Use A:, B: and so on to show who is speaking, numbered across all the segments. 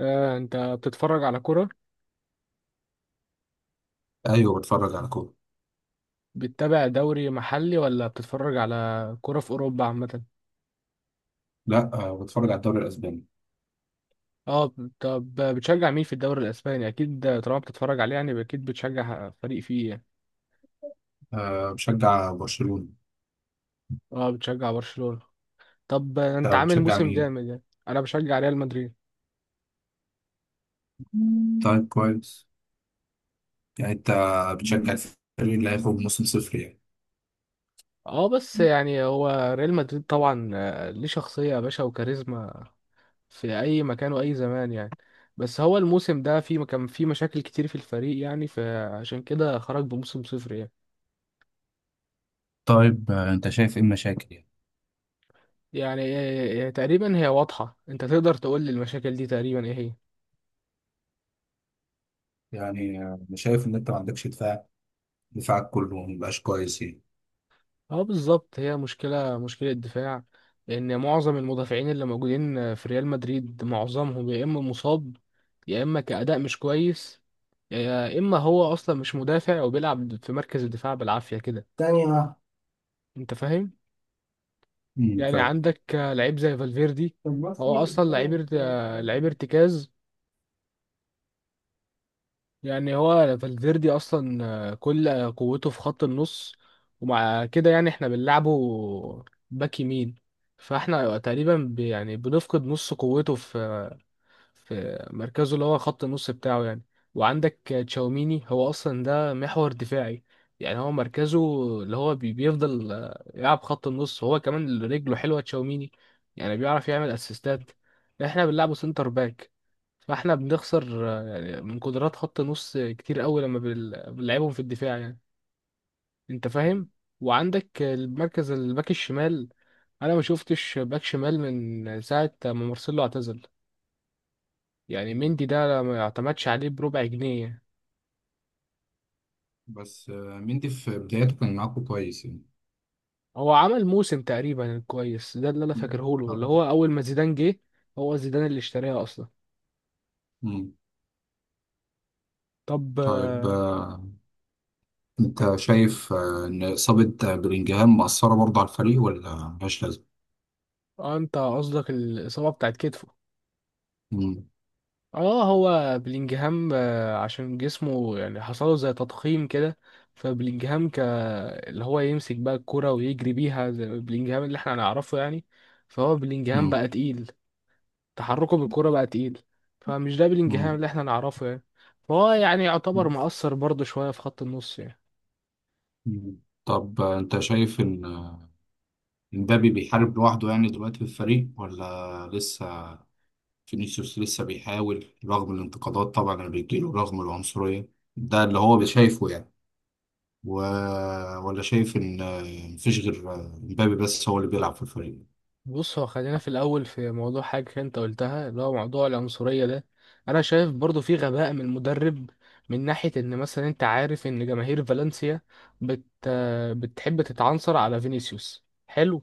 A: آه، انت بتتفرج على كرة؟
B: ايوه، بتفرج على كوره.
A: بتتابع دوري محلي ولا بتتفرج على كرة في اوروبا عامة؟
B: لا آه، بتفرج على الدوري الاسباني.
A: اه. طب بتشجع مين في الدوري الاسباني؟ اكيد طالما بتتفرج عليه يعني اكيد بتشجع فريق فيه يعني.
B: آه، بشجع برشلونه.
A: اه، بتشجع برشلونة. طب انت
B: انت
A: عامل
B: بتشجع
A: موسم
B: مين؟
A: جامد يعني؟ انا بشجع ريال مدريد.
B: طيب، كويس. يعني انت بتشجع الفريق اللي هيخرج موسم صفر يعني.
A: اه بس يعني هو ريال مدريد طبعا، ليه شخصية يا باشا وكاريزما في اي مكان واي زمان يعني. بس هو الموسم ده في كان في مشاكل كتير في الفريق يعني، فعشان كده خرج بموسم صفر يعني.
B: طيب آه، انت شايف ايه المشاكل يعني
A: يعني تقريبا هي واضحة، انت تقدر تقول لي المشاكل دي تقريبا ايه هي؟
B: يعني انا شايف ان انت ما عندكش دفاع. دفاعك كله ما بقاش كويس يعني.
A: اه بالظبط، هي مشكلة دفاع. ان معظم المدافعين اللي موجودين في ريال مدريد معظمهم يا اما مصاب، يا اما كأداء مش كويس، يا اما هو اصلا مش مدافع وبيلعب في مركز الدفاع بالعافية كده.
B: ثانية واحدة.
A: انت فاهم؟ يعني
B: فاهم.
A: عندك لعيب زي فالفيردي.
B: طب بص،
A: هو
B: مين اللي
A: اصلا
B: بيتكلم في الدوري السنة
A: لعيب
B: دي؟
A: ارتكاز. يعني هو فالفيردي اصلا، كل قوته في خط النص، ومع كده يعني احنا بنلعبه باك يمين. فاحنا تقريبا يعني بنفقد نص قوته في في مركزه اللي هو خط النص بتاعه يعني. وعندك تشاوميني هو اصلا ده محور دفاعي. يعني هو مركزه اللي هو بيفضل يلعب خط النص، هو كمان رجله حلوة تشاوميني، يعني بيعرف يعمل اسيستات. احنا بنلعبه سنتر باك، فاحنا بنخسر يعني من قدرات خط نص كتير قوي لما بنلعبهم في الدفاع يعني. انت فاهم؟ وعندك المركز الباك الشمال. انا ما شفتش باك شمال من ساعه ما مارسيلو اعتزل. يعني
B: مم.
A: مندي ده ما اعتمدش عليه بربع جنيه.
B: بس مندي في بدايته كان معاكم كويس يعني.
A: هو عمل موسم تقريبا كويس، ده اللي انا
B: مم.
A: فاكره له،
B: طيب.
A: اللي هو اول ما زيدان جه. هو زيدان اللي اشتريها اصلا.
B: مم.
A: طب
B: طيب، انت شايف ان اصابه بلينجهام مأثره برضه على الفريق ولا ملهاش لازمه؟
A: انت قصدك الاصابه بتاعت كتفه؟
B: مم،
A: اه، هو بلينجهام عشان جسمه يعني حصله زي تضخيم كده. فبلينجهام ك اللي هو يمسك بقى الكرة ويجري بيها زي بلينجهام اللي احنا هنعرفه يعني. فهو بلينجهام
B: مم،
A: بقى تقيل، تحركه بالكرة بقى تقيل، فمش ده بلينجهام
B: مم،
A: اللي احنا نعرفه يعني. فهو يعني يعتبر مؤثر برضه شوية في خط النص يعني.
B: مم. طب، انت شايف ان مبابي بيحارب لوحده يعني دلوقتي في الفريق، ولا لسه فينيسيوس لسه بيحاول رغم الانتقادات طبعا اللي بتجيله رغم العنصريه ده اللي هو شايفه يعني، و... ولا شايف ان مفيش غير مبابي بس هو اللي بيلعب في الفريق؟
A: بص هو خلينا في الأول في موضوع حاجة أنت قلتها، اللي هو موضوع العنصرية ده. أنا شايف برضو في غباء من المدرب، من ناحية إن مثلا أنت عارف إن جماهير فالنسيا بت... بتحب تتعنصر على فينيسيوس، حلو،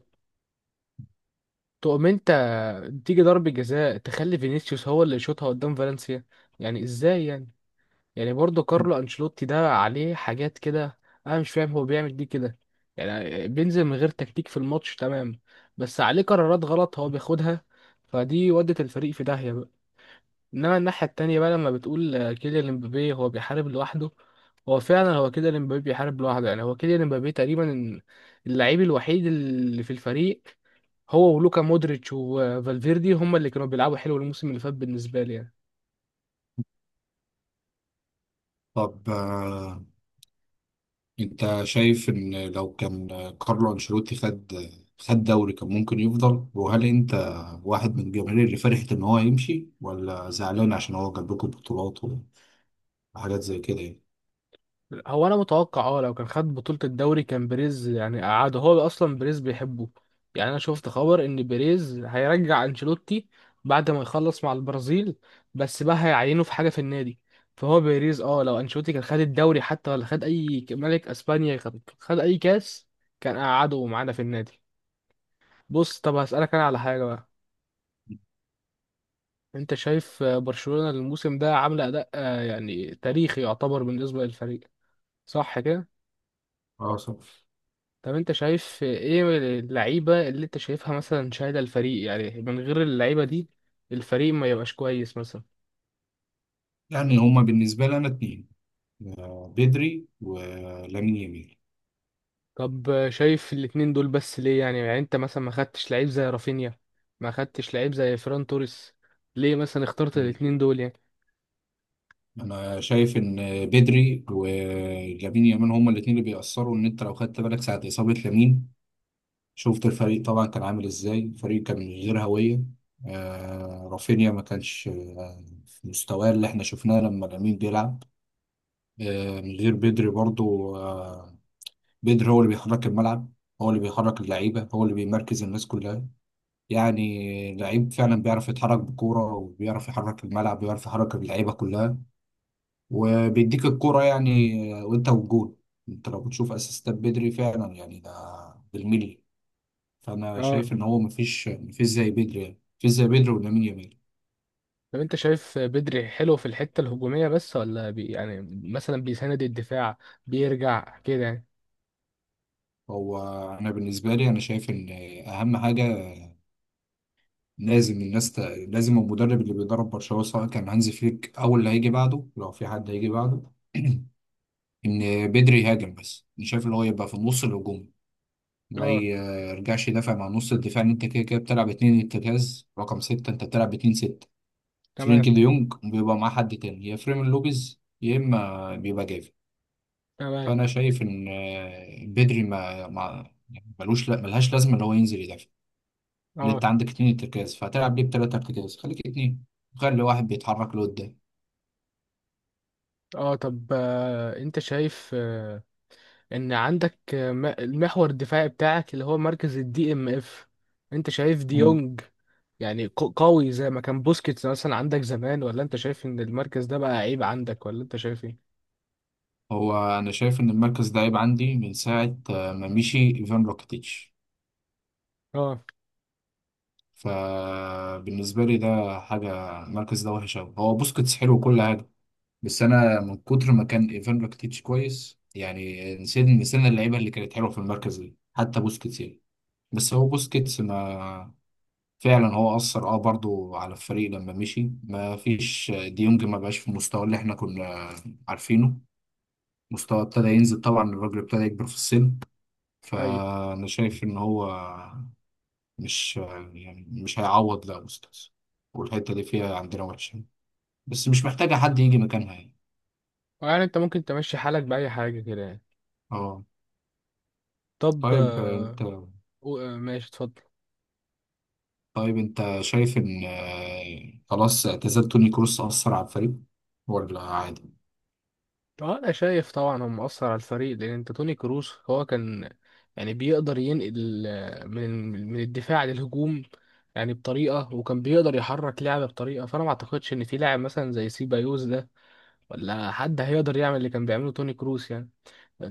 A: تقوم أنت تيجي ضربة جزاء تخلي فينيسيوس هو اللي يشوطها قدام فالنسيا؟ يعني إزاي يعني. يعني برضه كارلو انشيلوتي ده عليه حاجات كده، انا مش فاهم هو بيعمل دي كده. يعني بينزل من غير تكتيك في الماتش تمام، بس عليه قرارات غلط هو بياخدها، فدي ودت الفريق في داهية بقى. انما الناحية التانية بقى، لما بتقول كيليان امبابي هو بيحارب لوحده، هو فعلا هو كده، امبابي بيحارب لوحده يعني. هو كيليان امبابي تقريبا اللعيب الوحيد اللي في الفريق. هو ولوكا مودريتش وفالفيردي هم اللي كانوا بيلعبوا حلو الموسم اللي فات بالنسبة لي يعني.
B: طب، انت شايف ان لو كان كارلو انشيلوتي خد دوري كان ممكن يفضل، وهل انت واحد من الجماهير اللي فرحت ان هو يمشي ولا زعلان عشان هو جاب لكم بطولات وحاجات زي كده يعني؟
A: هو انا متوقع اه لو كان خد بطولة الدوري كان بيريز يعني قعده، هو اصلا بيريز بيحبه. يعني انا شفت خبر ان بيريز هيرجع انشيلوتي بعد ما يخلص مع البرازيل، بس بقى هيعينه في حاجة في النادي. فهو بيريز اه لو انشيلوتي كان خد الدوري حتى، ولا خد اي ملك اسبانيا، خد اي كاس، كان قعده معانا في النادي. بص طب هسألك انا على حاجة بقى، انت شايف برشلونة الموسم ده عاملة اداء يعني تاريخي يعتبر بالنسبة للفريق، صح كده؟
B: اه، صح.
A: طب انت شايف ايه اللعيبة اللي انت شايفها مثلا شايلة الفريق يعني، من غير اللعيبة دي الفريق ما يبقاش كويس مثلا؟
B: يعني هما بالنسبه لي انا اتنين، بدري ولامين يامال.
A: طب شايف الاتنين دول بس ليه يعني؟ يعني انت مثلا ما خدتش لعيب زي رافينيا، ما خدتش لعيب زي فران توريس، ليه مثلا اخترت
B: مم.
A: الاتنين دول يعني؟
B: انا شايف ان بدري ولامين يامال هما الاتنين اللي بيأثروا. ان انت لو خدت بالك ساعه اصابه لامين، شفت الفريق طبعا كان عامل ازاي، الفريق كان من غير هوية. آه، رافينيا ما كانش في مستواه اللي احنا شفناه لما لامين بيلعب. آه، من غير بدري برضو آه. بدري هو اللي بيحرك الملعب، هو اللي بيحرك اللعيبة، هو اللي بيمركز الناس كلها. يعني لعيب فعلا بيعرف يتحرك بكورة وبيعرف يحرك الملعب، بيعرف يحرك اللعيبة كلها. وبيديك الكورة يعني، وانت والجول. انت لو بتشوف اسيستات بدري فعلا يعني ده بالملي. فانا
A: اه.
B: شايف ان هو مفيش زي بيدري، يعني مفيش زي بيدري ولامين يامال.
A: طب انت شايف بدري حلو في الحتة الهجومية بس، ولا بي يعني مثلا بيساند الدفاع بيرجع كده يعني؟
B: هو انا بالنسبه لي انا شايف ان اهم حاجه، لازم الناس ت... لازم المدرب اللي بيدرب برشلونه سواء كان هانزي فليك او اللي هيجي بعده لو في حد هيجي بعده ان بدري يهاجم. بس انا شايف اللي هو يبقى في النص الهجومي، ما
A: اه،
B: يرجعش يدافع مع نص الدفاع، ان انت كده كده بتلعب اتنين ارتكاز رقم ستة، انت بتلعب اتنين ستة.
A: تمام.
B: فرينkie دي يونج بيبقى معاه حد تاني يا فريمين لوبيز يا اما بيبقى جافي.
A: تمام.
B: فانا شايف ان بدري ما يعني ملوش، لا ملهاش لازمه ان هو ينزل يدافع. لأن انت
A: اه.
B: عندك اتنين ارتكاز، فهتلعب بيه بتلات ارتكاز، خليك اتنين. خلي واحد بيتحرك لقدام.
A: اه. طب انت شايف ان عندك المحور الدفاعي بتاعك اللي هو مركز الدي ام اف، انت شايف
B: مم.
A: ديونج يعني قوي زي ما كان بوسكيتس مثلا عندك زمان، ولا انت شايف ان المركز ده بقى عيب عندك، ولا انت شايف ايه؟
B: هو انا شايف ان المركز ده عيب عندي من ساعه ما مشي ايفان روكيتيتش.
A: اه.
B: فبالنسبه لي ده حاجه، المركز ده وحش قوي. هو بوسكيتس حلو وكل حاجه، بس انا من كتر ما كان ايفان روكيتيتش كويس يعني نسينا، نسينا اللعيبه اللي كانت حلوه في المركز ده حتى بوسكيتس يعني. بس هو بوسكيتس ما، فعلا هو أثر برضو على الفريق لما مشي. ما فيش ديونج، ما بقاش في المستوى اللي احنا كنا عارفينه. مستوى ابتدى ينزل طبعا، الراجل ابتدى يكبر في السن.
A: ايوه.
B: فأنا شايف إن هو مش، يعني مش هيعوض لا أستاذ. والحتة دي فيها عندنا وحشة، بس مش محتاجة حد يجي مكانها يعني.
A: يعني انت ممكن تمشي حالك بأي حاجة كده يعني؟
B: اه.
A: طب
B: طيب انت.
A: ماشي اتفضل.
B: طيب انت شايف إن خلاص اعتزال توني كروس أثر على الفريق ولا عادي؟
A: اه انا شايف طبعا هم اثر على الفريق، لان انت توني كروس هو كان يعني بيقدر ينقل من الدفاع للهجوم يعني بطريقه، وكان بيقدر يحرك لعبه بطريقه. فانا ما اعتقدش ان في لاعب مثلا زي سيبايوس ده، ولا حد هيقدر يعمل اللي كان بيعمله توني كروس يعني.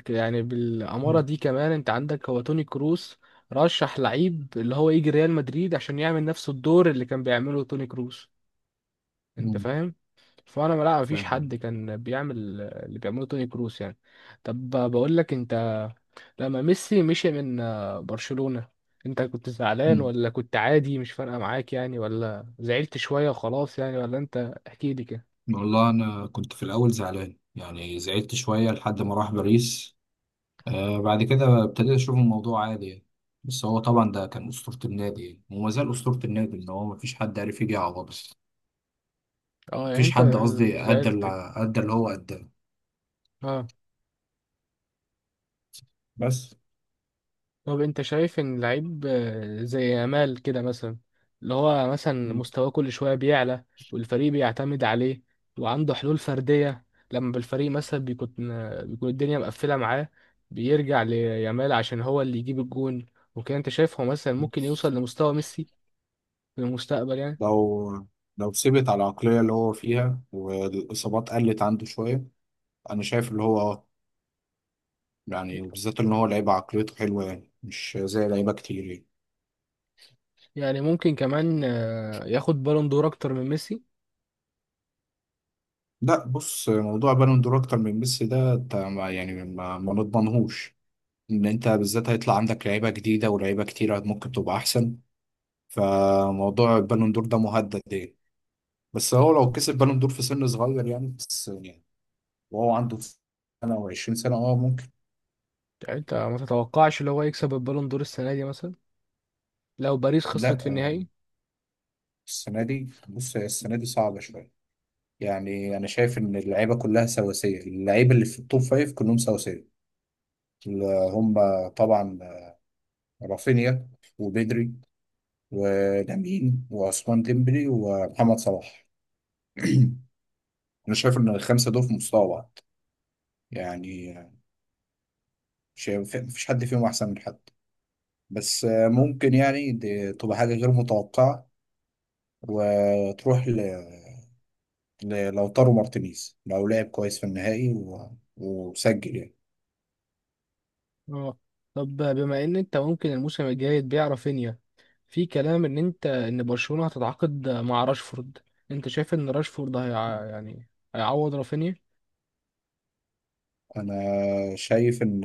A: يعني بالاماره
B: مم.
A: دي كمان انت عندك هو توني كروس رشح لعيب اللي هو يجي ريال مدريد عشان يعمل نفس الدور اللي كان بيعمله توني كروس. انت
B: مم.
A: فاهم؟ فانا ما- لا مفيش حد
B: فاهم.
A: كان بيعمل اللي بيعمله توني كروس يعني. طب بقول لك انت، لما ميسي مشي من برشلونة، انت كنت زعلان
B: مم.
A: ولا كنت عادي مش فارقة معاك يعني، ولا زعلت شوية وخلاص يعني، ولا انت احكي لي كده.
B: والله أنا كنت في الأول زعلان، يعني زعلت شوية لحد ما راح باريس. آه، بعد كده ابتديت أشوف الموضوع عادي يعني. بس هو طبعا ده كان أسطورة النادي يعني. وما زال أسطورة النادي، إن هو مفيش حد عارف يجي يعوضه.
A: اه، يعني
B: مفيش
A: انت
B: حد، قصدي أدى
A: زعلت.
B: اللي أدى اللي هو أداه.
A: اه.
B: بس.
A: طب انت شايف ان لعيب زي يامال كده مثلا، اللي هو مثلا
B: مم.
A: مستواه كل شويه بيعلى، والفريق بيعتمد عليه، وعنده حلول فرديه لما بالفريق مثلا بيكون الدنيا مقفله معاه، بيرجع ليامال عشان هو اللي يجيب الجون وكده. انت شايف هو مثلا ممكن يوصل لمستوى ميسي في المستقبل يعني؟
B: لو لو ثبت على العقلية اللي هو فيها والإصابات قلت عنده شوية، أنا شايف اللي هو، يعني بالذات إن هو لعيبة عقليته حلوة يعني، مش زي لعيبة كتير يعني.
A: يعني ممكن كمان ياخد بالون دور اكتر من ميسي؟
B: لا بص، موضوع بالون دور اكتر من ميسي ده، انت يعني ما نضمنهوش ان انت بالذات هيطلع عندك لعيبه جديده، ولاعيبه كتيره ممكن تبقى احسن. فموضوع البالون دور ده مهدد يعني. بس هو لو كسب بالون دور في سن صغير يعني، بس يعني. وهو عنده سنه و20 سنه اه ممكن.
A: يعني انت ما تتوقعش اللي هو يكسب البالون دور السنه دي مثلا لو باريس
B: لا
A: خسرت في
B: آه،
A: النهائي؟
B: السنه دي بص، هي السنه دي صعبه شويه. يعني انا شايف ان اللعيبه كلها سواسيه، اللعيبه اللي في التوب فايف كلهم سواسيه. اللي هم طبعا رافينيا وبدري ولامين وعثمان ديمبلي ومحمد صلاح. انا شايف ان الخمسه دول في مستوى بعض يعني. شايف مفيش حد فيهم احسن من حد. بس ممكن يعني دي تبقى حاجه غير متوقعه، وتروح للوتارو مارتينيز لو لعب كويس في النهائي وسجل يعني.
A: اه. طب بما ان انت ممكن الموسم الجاي تبيع رافينيا، في كلام ان انت ان برشلونة هتتعاقد مع راشفورد، انت شايف ان راشفورد هي يعني هيعوض رافينيا؟
B: انا شايف ان،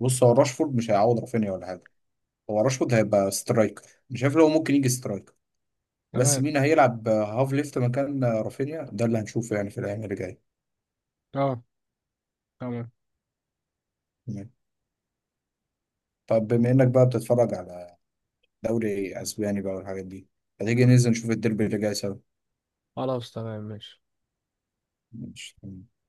B: بص، هو راشفورد مش هيعوض رافينيا ولا حاجه. هو راشفورد هيبقى سترايكر. مش شايف لو ممكن يجي سترايكر. بس
A: تمام.
B: مين هيلعب هاف ليفت مكان رافينيا ده اللي هنشوفه يعني في الايام اللي جايه.
A: اه. تمام.
B: نعم. طب بما انك بقى بتتفرج على دوري اسباني بقى والحاجات دي، هتيجي ننزل نشوف الديربي اللي جاي سوا.
A: خلاص، تمام، ماشي.
B: ماشي.